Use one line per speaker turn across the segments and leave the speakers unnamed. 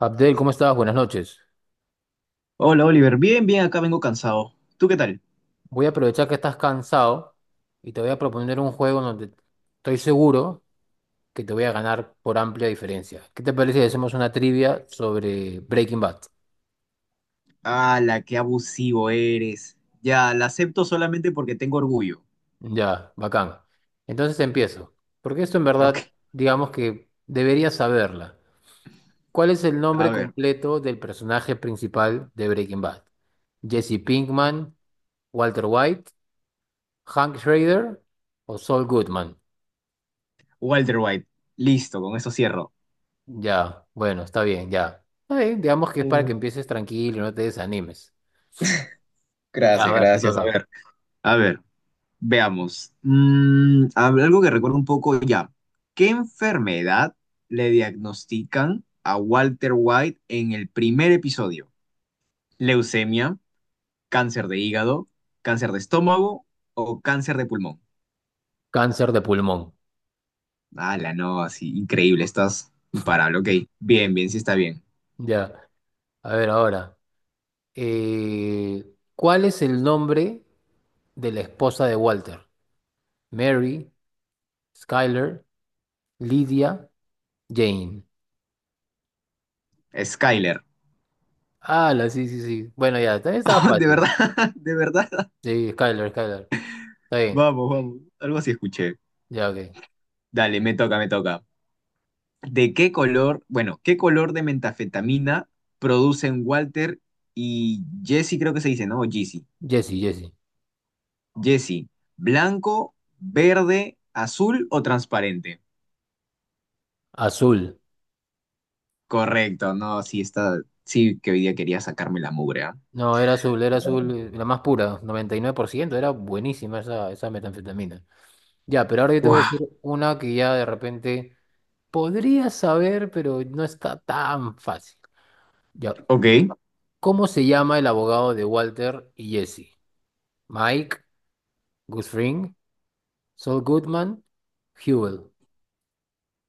Abdel, ¿cómo estás? Buenas noches.
Hola Oliver, bien, bien, acá vengo cansado. ¿Tú qué tal?
Voy a aprovechar que estás cansado y te voy a proponer un juego donde estoy seguro que te voy a ganar por amplia diferencia. ¿Qué te parece si hacemos una trivia sobre Breaking Bad?
¡La qué abusivo eres! Ya, la acepto solamente porque tengo orgullo.
Ya, bacán. Entonces empiezo. Porque esto en verdad,
Ok,
digamos que deberías saberla. ¿Cuál es el
a
nombre
ver.
completo del personaje principal de Breaking Bad? ¿Jesse Pinkman, Walter White, Hank Schrader o Saul Goodman?
Walter White, listo, con eso cierro.
Ya, bueno, está bien, ya. Está bien, digamos que es para
Uh,
que empieces tranquilo, no te desanimes. Ya, a
Gracias,
ver, te
gracias.
toca.
A ver, veamos. Mm, algo que recuerdo un poco ya. ¿Qué enfermedad le diagnostican a Walter White en el primer episodio? ¿Leucemia, cáncer de hígado, cáncer de estómago o cáncer de pulmón?
Cáncer de pulmón.
Ala, no, sí, increíble, estás imparable, ok. Bien, bien, sí está bien.
Ya, a ver ahora. eh, ¿Cuál es el nombre de la esposa de Walter? Mary, Skyler, Lydia, Jane.
Skyler.
Ah, la, sí, sí, sí. Bueno, ya, también estaba
Oh, de
fácil.
verdad, de verdad.
Sí, Skyler, Skyler. Está bien,
Vamos, vamos. Algo así escuché.
ya, ok.
Dale, me toca, me toca. ¿De qué color, bueno, qué color de mentafetamina producen Walter y Jesse, creo que se dice, ¿no? O Jesse.
Jessie, Jessie.
Jesse, ¿blanco, verde, azul o transparente?
Azul.
Correcto, no, sí está, sí que hoy día quería sacarme la mugre, ¿ah?
No, era azul, la más pura, 99%. Era buenísima esa, esa metanfetamina. Ya, pero ahora yo te voy a
Guau,
decir una que ya de repente podrías saber, pero no está tan fácil. Ya.
ok.
¿Cómo se llama el abogado de Walter y Jesse? Mike, Guthring, Saul Goodman, Hewell.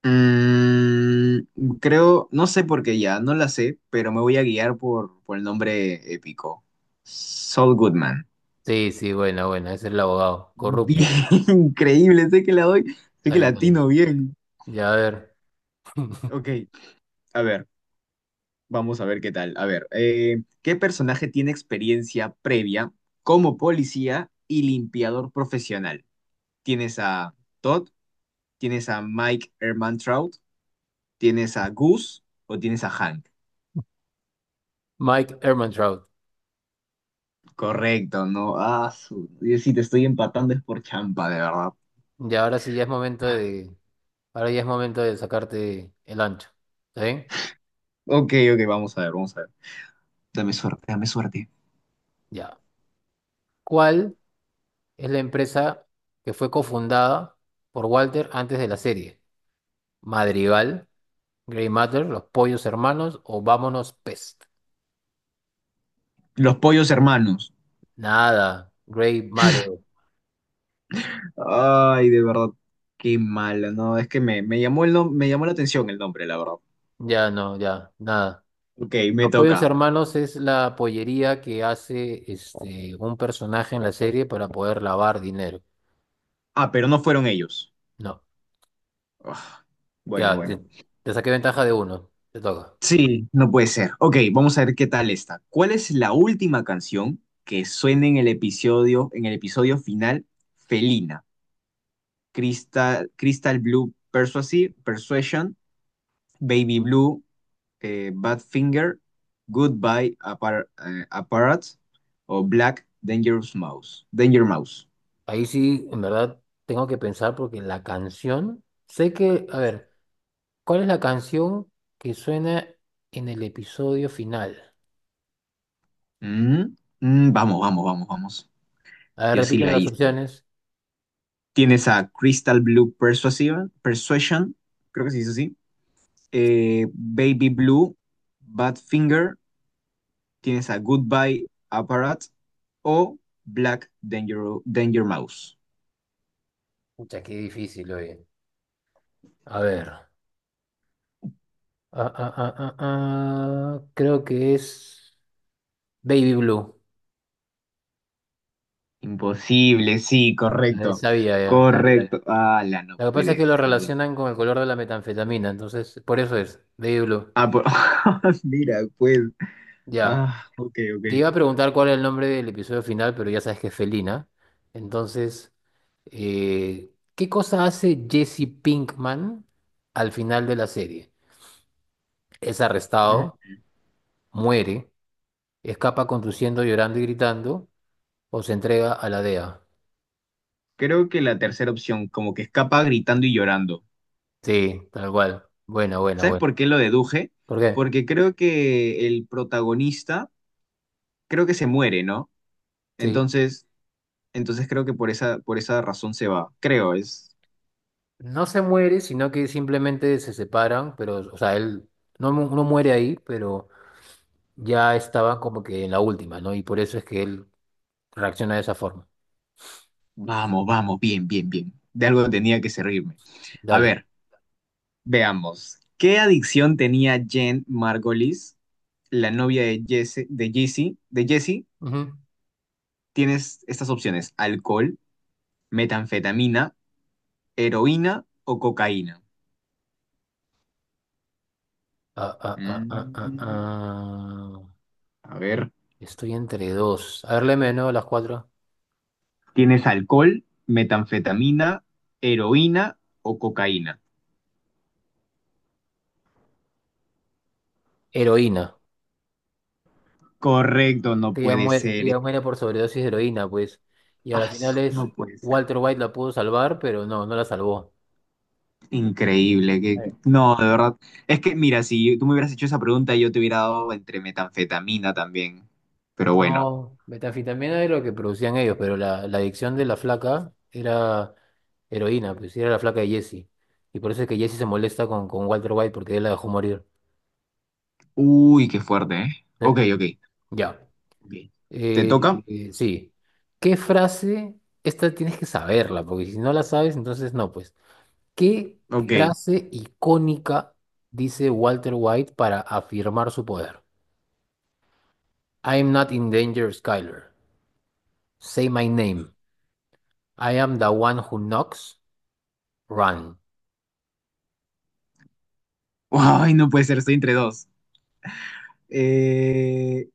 Mm, creo, no sé por qué ya, no la sé, pero me voy a guiar por el nombre épico. Saul Goodman.
Sí, sí, buena, buena. Ese es el abogado.
Bien,
Corrupto.
increíble, sé que la doy, sé
Está
que
bien, está bien.
latino bien.
Ya, a ver.
Ok, a ver, vamos a ver qué tal. A ver, ¿qué personaje tiene experiencia previa como policía y limpiador profesional? ¿Tienes a Todd? ¿Tienes a Mike Ehrmantraut? ¿Tienes a Goose? ¿O tienes a Hank?
Mike Ehrmantraut.
Correcto, no. Ah, su... Yo sí te estoy empatando es por champa, de verdad.
Ya, ahora sí ya es momento de. Ahora ya es momento de sacarte el ancho. ¿Está bien?
Ok, ok, vamos a ver, vamos a ver. Dame suerte, dame suerte.
Ya. ¿Cuál? Es la empresa que fue cofundada por Walter antes de la serie. Madrigal, Grey Matter, Los Pollos Hermanos o Vámonos Pest.
Los pollos hermanos.
Nada, Grey Matter.
Ay, de verdad, qué mala, no. Es que me llamó el me llamó la atención el nombre, la verdad.
Ya no, ya, nada.
Ok, me
Los Pollos
toca.
Hermanos es la pollería que hace este, un personaje en la serie para poder lavar dinero.
Ah, pero no fueron ellos.
No,
Ugh, bueno,
ya, te,
bueno.
te saqué ventaja de uno. Te toca.
Sí, no puede ser. Ok, vamos a ver qué tal está. ¿Cuál es la última canción que suena en el episodio final, Felina? Crystal, Crystal Blue Persuasive, Persuasion, Baby Blue, Badfinger, Goodbye Apparat o Black Dangerous Mouse. Danger Mouse.
Ahí sí, en verdad, tengo que pensar porque la canción, sé que, a ver. ¿Cuál es la canción que suena en el episodio final?
Mm, mm, vamos, vamos, vamos, vamos.
A ver,
Yo sí
repíteme
la
las
hice.
opciones.
Tienes a Crystal Blue Persuasive, Persuasion, creo que se dice así. Baby Blue, Badfinger, tienes a Goodbye Apparat o Black Danger, Danger Mouse.
Pucha, qué difícil, oye. A ver. Creo que es Baby Blue.
Imposible, sí,
A ver,
correcto. Ajá.
sabía ya.
Correcto. La no
Lo que pasa es
puede
que lo
ser.
relacionan con el color de la metanfetamina, entonces por eso es Baby Blue.
Ah, mira, pues.
Ya.
Ah, ok, ok.
Te iba a preguntar cuál es el nombre del episodio final, pero ya sabes que es Felina. Entonces, ¿qué cosa hace Jesse Pinkman al final de la serie? Es
Mm,
arrestado, muere, escapa conduciendo, llorando y gritando, o se entrega a la DEA.
creo que la tercera opción, como que escapa gritando y llorando.
Sí, tal cual. Buena, buena,
¿Sabes
buena.
por qué lo deduje?
¿Por qué?
Porque creo que el protagonista, creo que se muere, ¿no?
Sí.
Entonces, entonces creo que por esa razón se va. Creo, es.
No se muere, sino que simplemente se separan, pero, o sea, él no, mu- no muere ahí, pero ya estaba como que en la última, ¿no? Y por eso es que él reacciona de esa forma.
Vamos, vamos, bien, bien, bien. De algo tenía que servirme. A
Dale.
ver. Veamos. ¿Qué adicción tenía Jen Margolis, la novia de Jesse,
Ujú.
Tienes estas opciones: alcohol, metanfetamina, heroína o cocaína.
Ah, ah, ah, ah, ah,
Mm,
ah.
a ver.
Estoy entre dos. A ver, léeme, ¿no? Las cuatro.
Tienes alcohol, metanfetamina, heroína o cocaína.
Heroína.
Correcto, no puede
Ella
ser.
muere por sobredosis de heroína, pues. Y a la
Ah,
final es
no puede ser.
Walter White la pudo salvar, pero no, no la salvó.
Increíble, que
Eh.
no, de verdad. Es que, mira, si tú me hubieras hecho esa pregunta, yo te hubiera dado entre metanfetamina también. Pero bueno.
No, metanfetamina es lo que producían ellos, pero la adicción de la flaca era heroína, pues era la flaca de Jesse. Y por eso es que Jesse se molesta con Walter White porque él la dejó morir.
Uy, qué fuerte, ¿eh?
Eh,
Ok, ok,
ya.
ok. ¿Te
Eh,
toca?
sí. ¿Qué frase? Esta tienes que saberla, porque si no la sabes, entonces no, pues. ¿Qué
Ok.
frase icónica dice Walter White para afirmar su poder? I am not in danger, Skyler. Say my name. I am the one who knocks. Run.
Ay, no puede ser, estoy entre dos. Eh,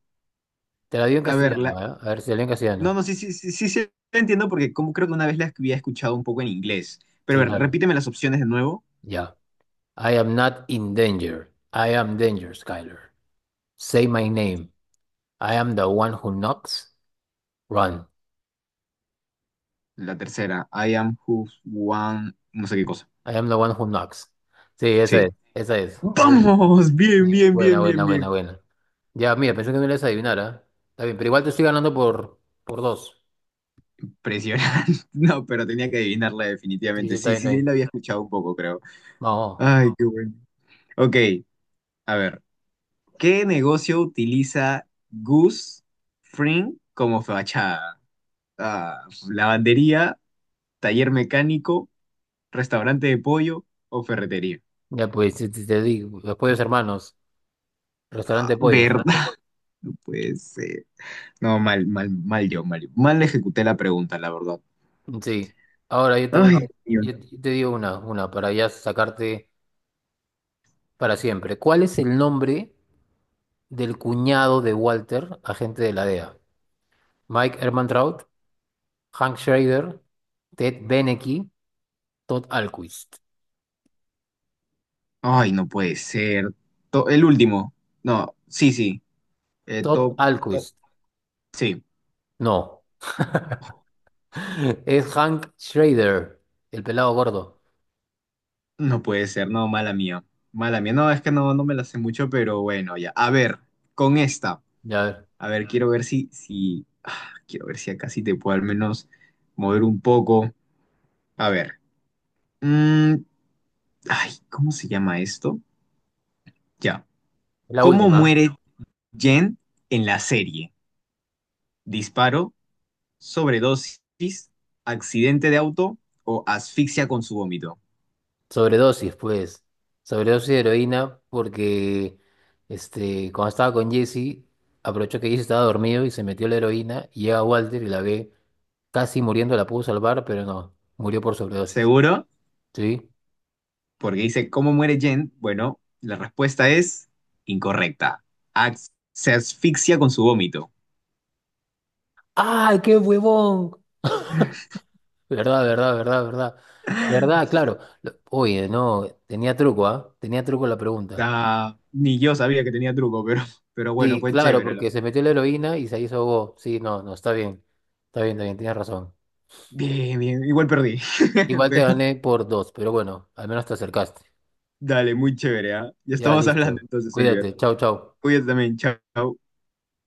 Te la digo en
a ver, la...
castellano, ¿eh? A ver si la digo en
no,
castellano.
no, sí, sí, sí, sí, sí, la entiendo porque como creo que una vez la había escuchado un poco en inglés. Pero
Sí,
a ver,
claro.
repíteme las opciones de nuevo.
Ya. I am not in danger. I am danger, Skyler. Say my name. I am the one who knocks. Run.
La tercera, I am who one, no sé qué cosa.
I am the one who knocks. Sí, esa es.
Sí.
Esa es. Esa es.
Vamos, bien,
Bien,
bien,
buena,
bien,
buena,
bien,
buena,
bien.
buena. Ya, mira, pensé que me ibas a adivinar, ¿ah? Está bien, pero igual te estoy ganando por dos.
Impresionante. No, pero tenía que adivinarla
Sí, sí,
definitivamente.
está
Sí,
bien, está
sí, sí,
bien.
la había escuchado un poco, creo.
Vamos.
Ay, qué bueno. Ok, a ver. ¿Qué negocio utiliza Gus Fring como fachada? Ah, lavandería, taller mecánico, restaurante de pollo o ferretería.
Ya, pues, te digo, los pollos hermanos,
Ah,
restaurante de pollos.
¿verdad? Pues, no, mal, mal, mal yo, mal yo. Mal ejecuté la pregunta, la verdad.
Sí. Ahora yo te voy,
Ay,
a-
Dios
yo,
mío.
yo te digo una, para ya sacarte para siempre. ¿Cuál es el nombre del cuñado de Walter, agente de la DEA? Mike Ehrmantraut, Hank Schrader, Ted Benecke, Todd Alquist.
Ay, no puede ser. El último. No, sí, sí.
Todd
Top, top.
Alquist.
Sí.
No. Es Hank Schrader, el pelado gordo.
No puede ser, no, mala mía. Mala mía. No, es que no, no me la sé mucho, pero bueno, ya. A ver, con esta.
Ya ver,
A ver, quiero ver si, ah, quiero ver si acá sí te puedo al menos mover un poco. A ver. Mm, ay, ¿cómo se llama esto? Ya.
es la
¿Cómo
última.
muere Jen en la serie? ¿Disparo, sobredosis, accidente de auto o asfixia con su vómito?
Sobredosis, pues. Sobredosis de heroína porque este, cuando estaba con Jesse, aprovechó que Jesse estaba dormido y se metió la heroína y llega Walter y la ve casi muriendo, la pudo salvar, pero no, murió por sobredosis.
¿Seguro?
¿Sí?
Porque dice, ¿cómo muere Jen? Bueno, la respuesta es incorrecta. Se asfixia con su vómito.
¡Ay, qué huevón! Verdad, verdad, verdad, verdad. Verdad, claro. Lo- Oye, no, tenía truco, ¿ah? Tenía truco la pregunta.
Ah, ni yo sabía que tenía truco, pero bueno,
Sí,
pues
claro,
chévere. Lo-
porque se metió la heroína y se hizo go. Sí, no, no, está bien. Está bien, está bien, tienes razón.
Bien, bien, igual perdí.
Igual te
Pero
gané por dos, pero bueno, al menos te acercaste.
dale, muy chévere, ¿ah? Ya
Ya,
estamos hablando
listo.
entonces, Oliver.
Cuídate. Chau, chau.
Cuídate también, chao.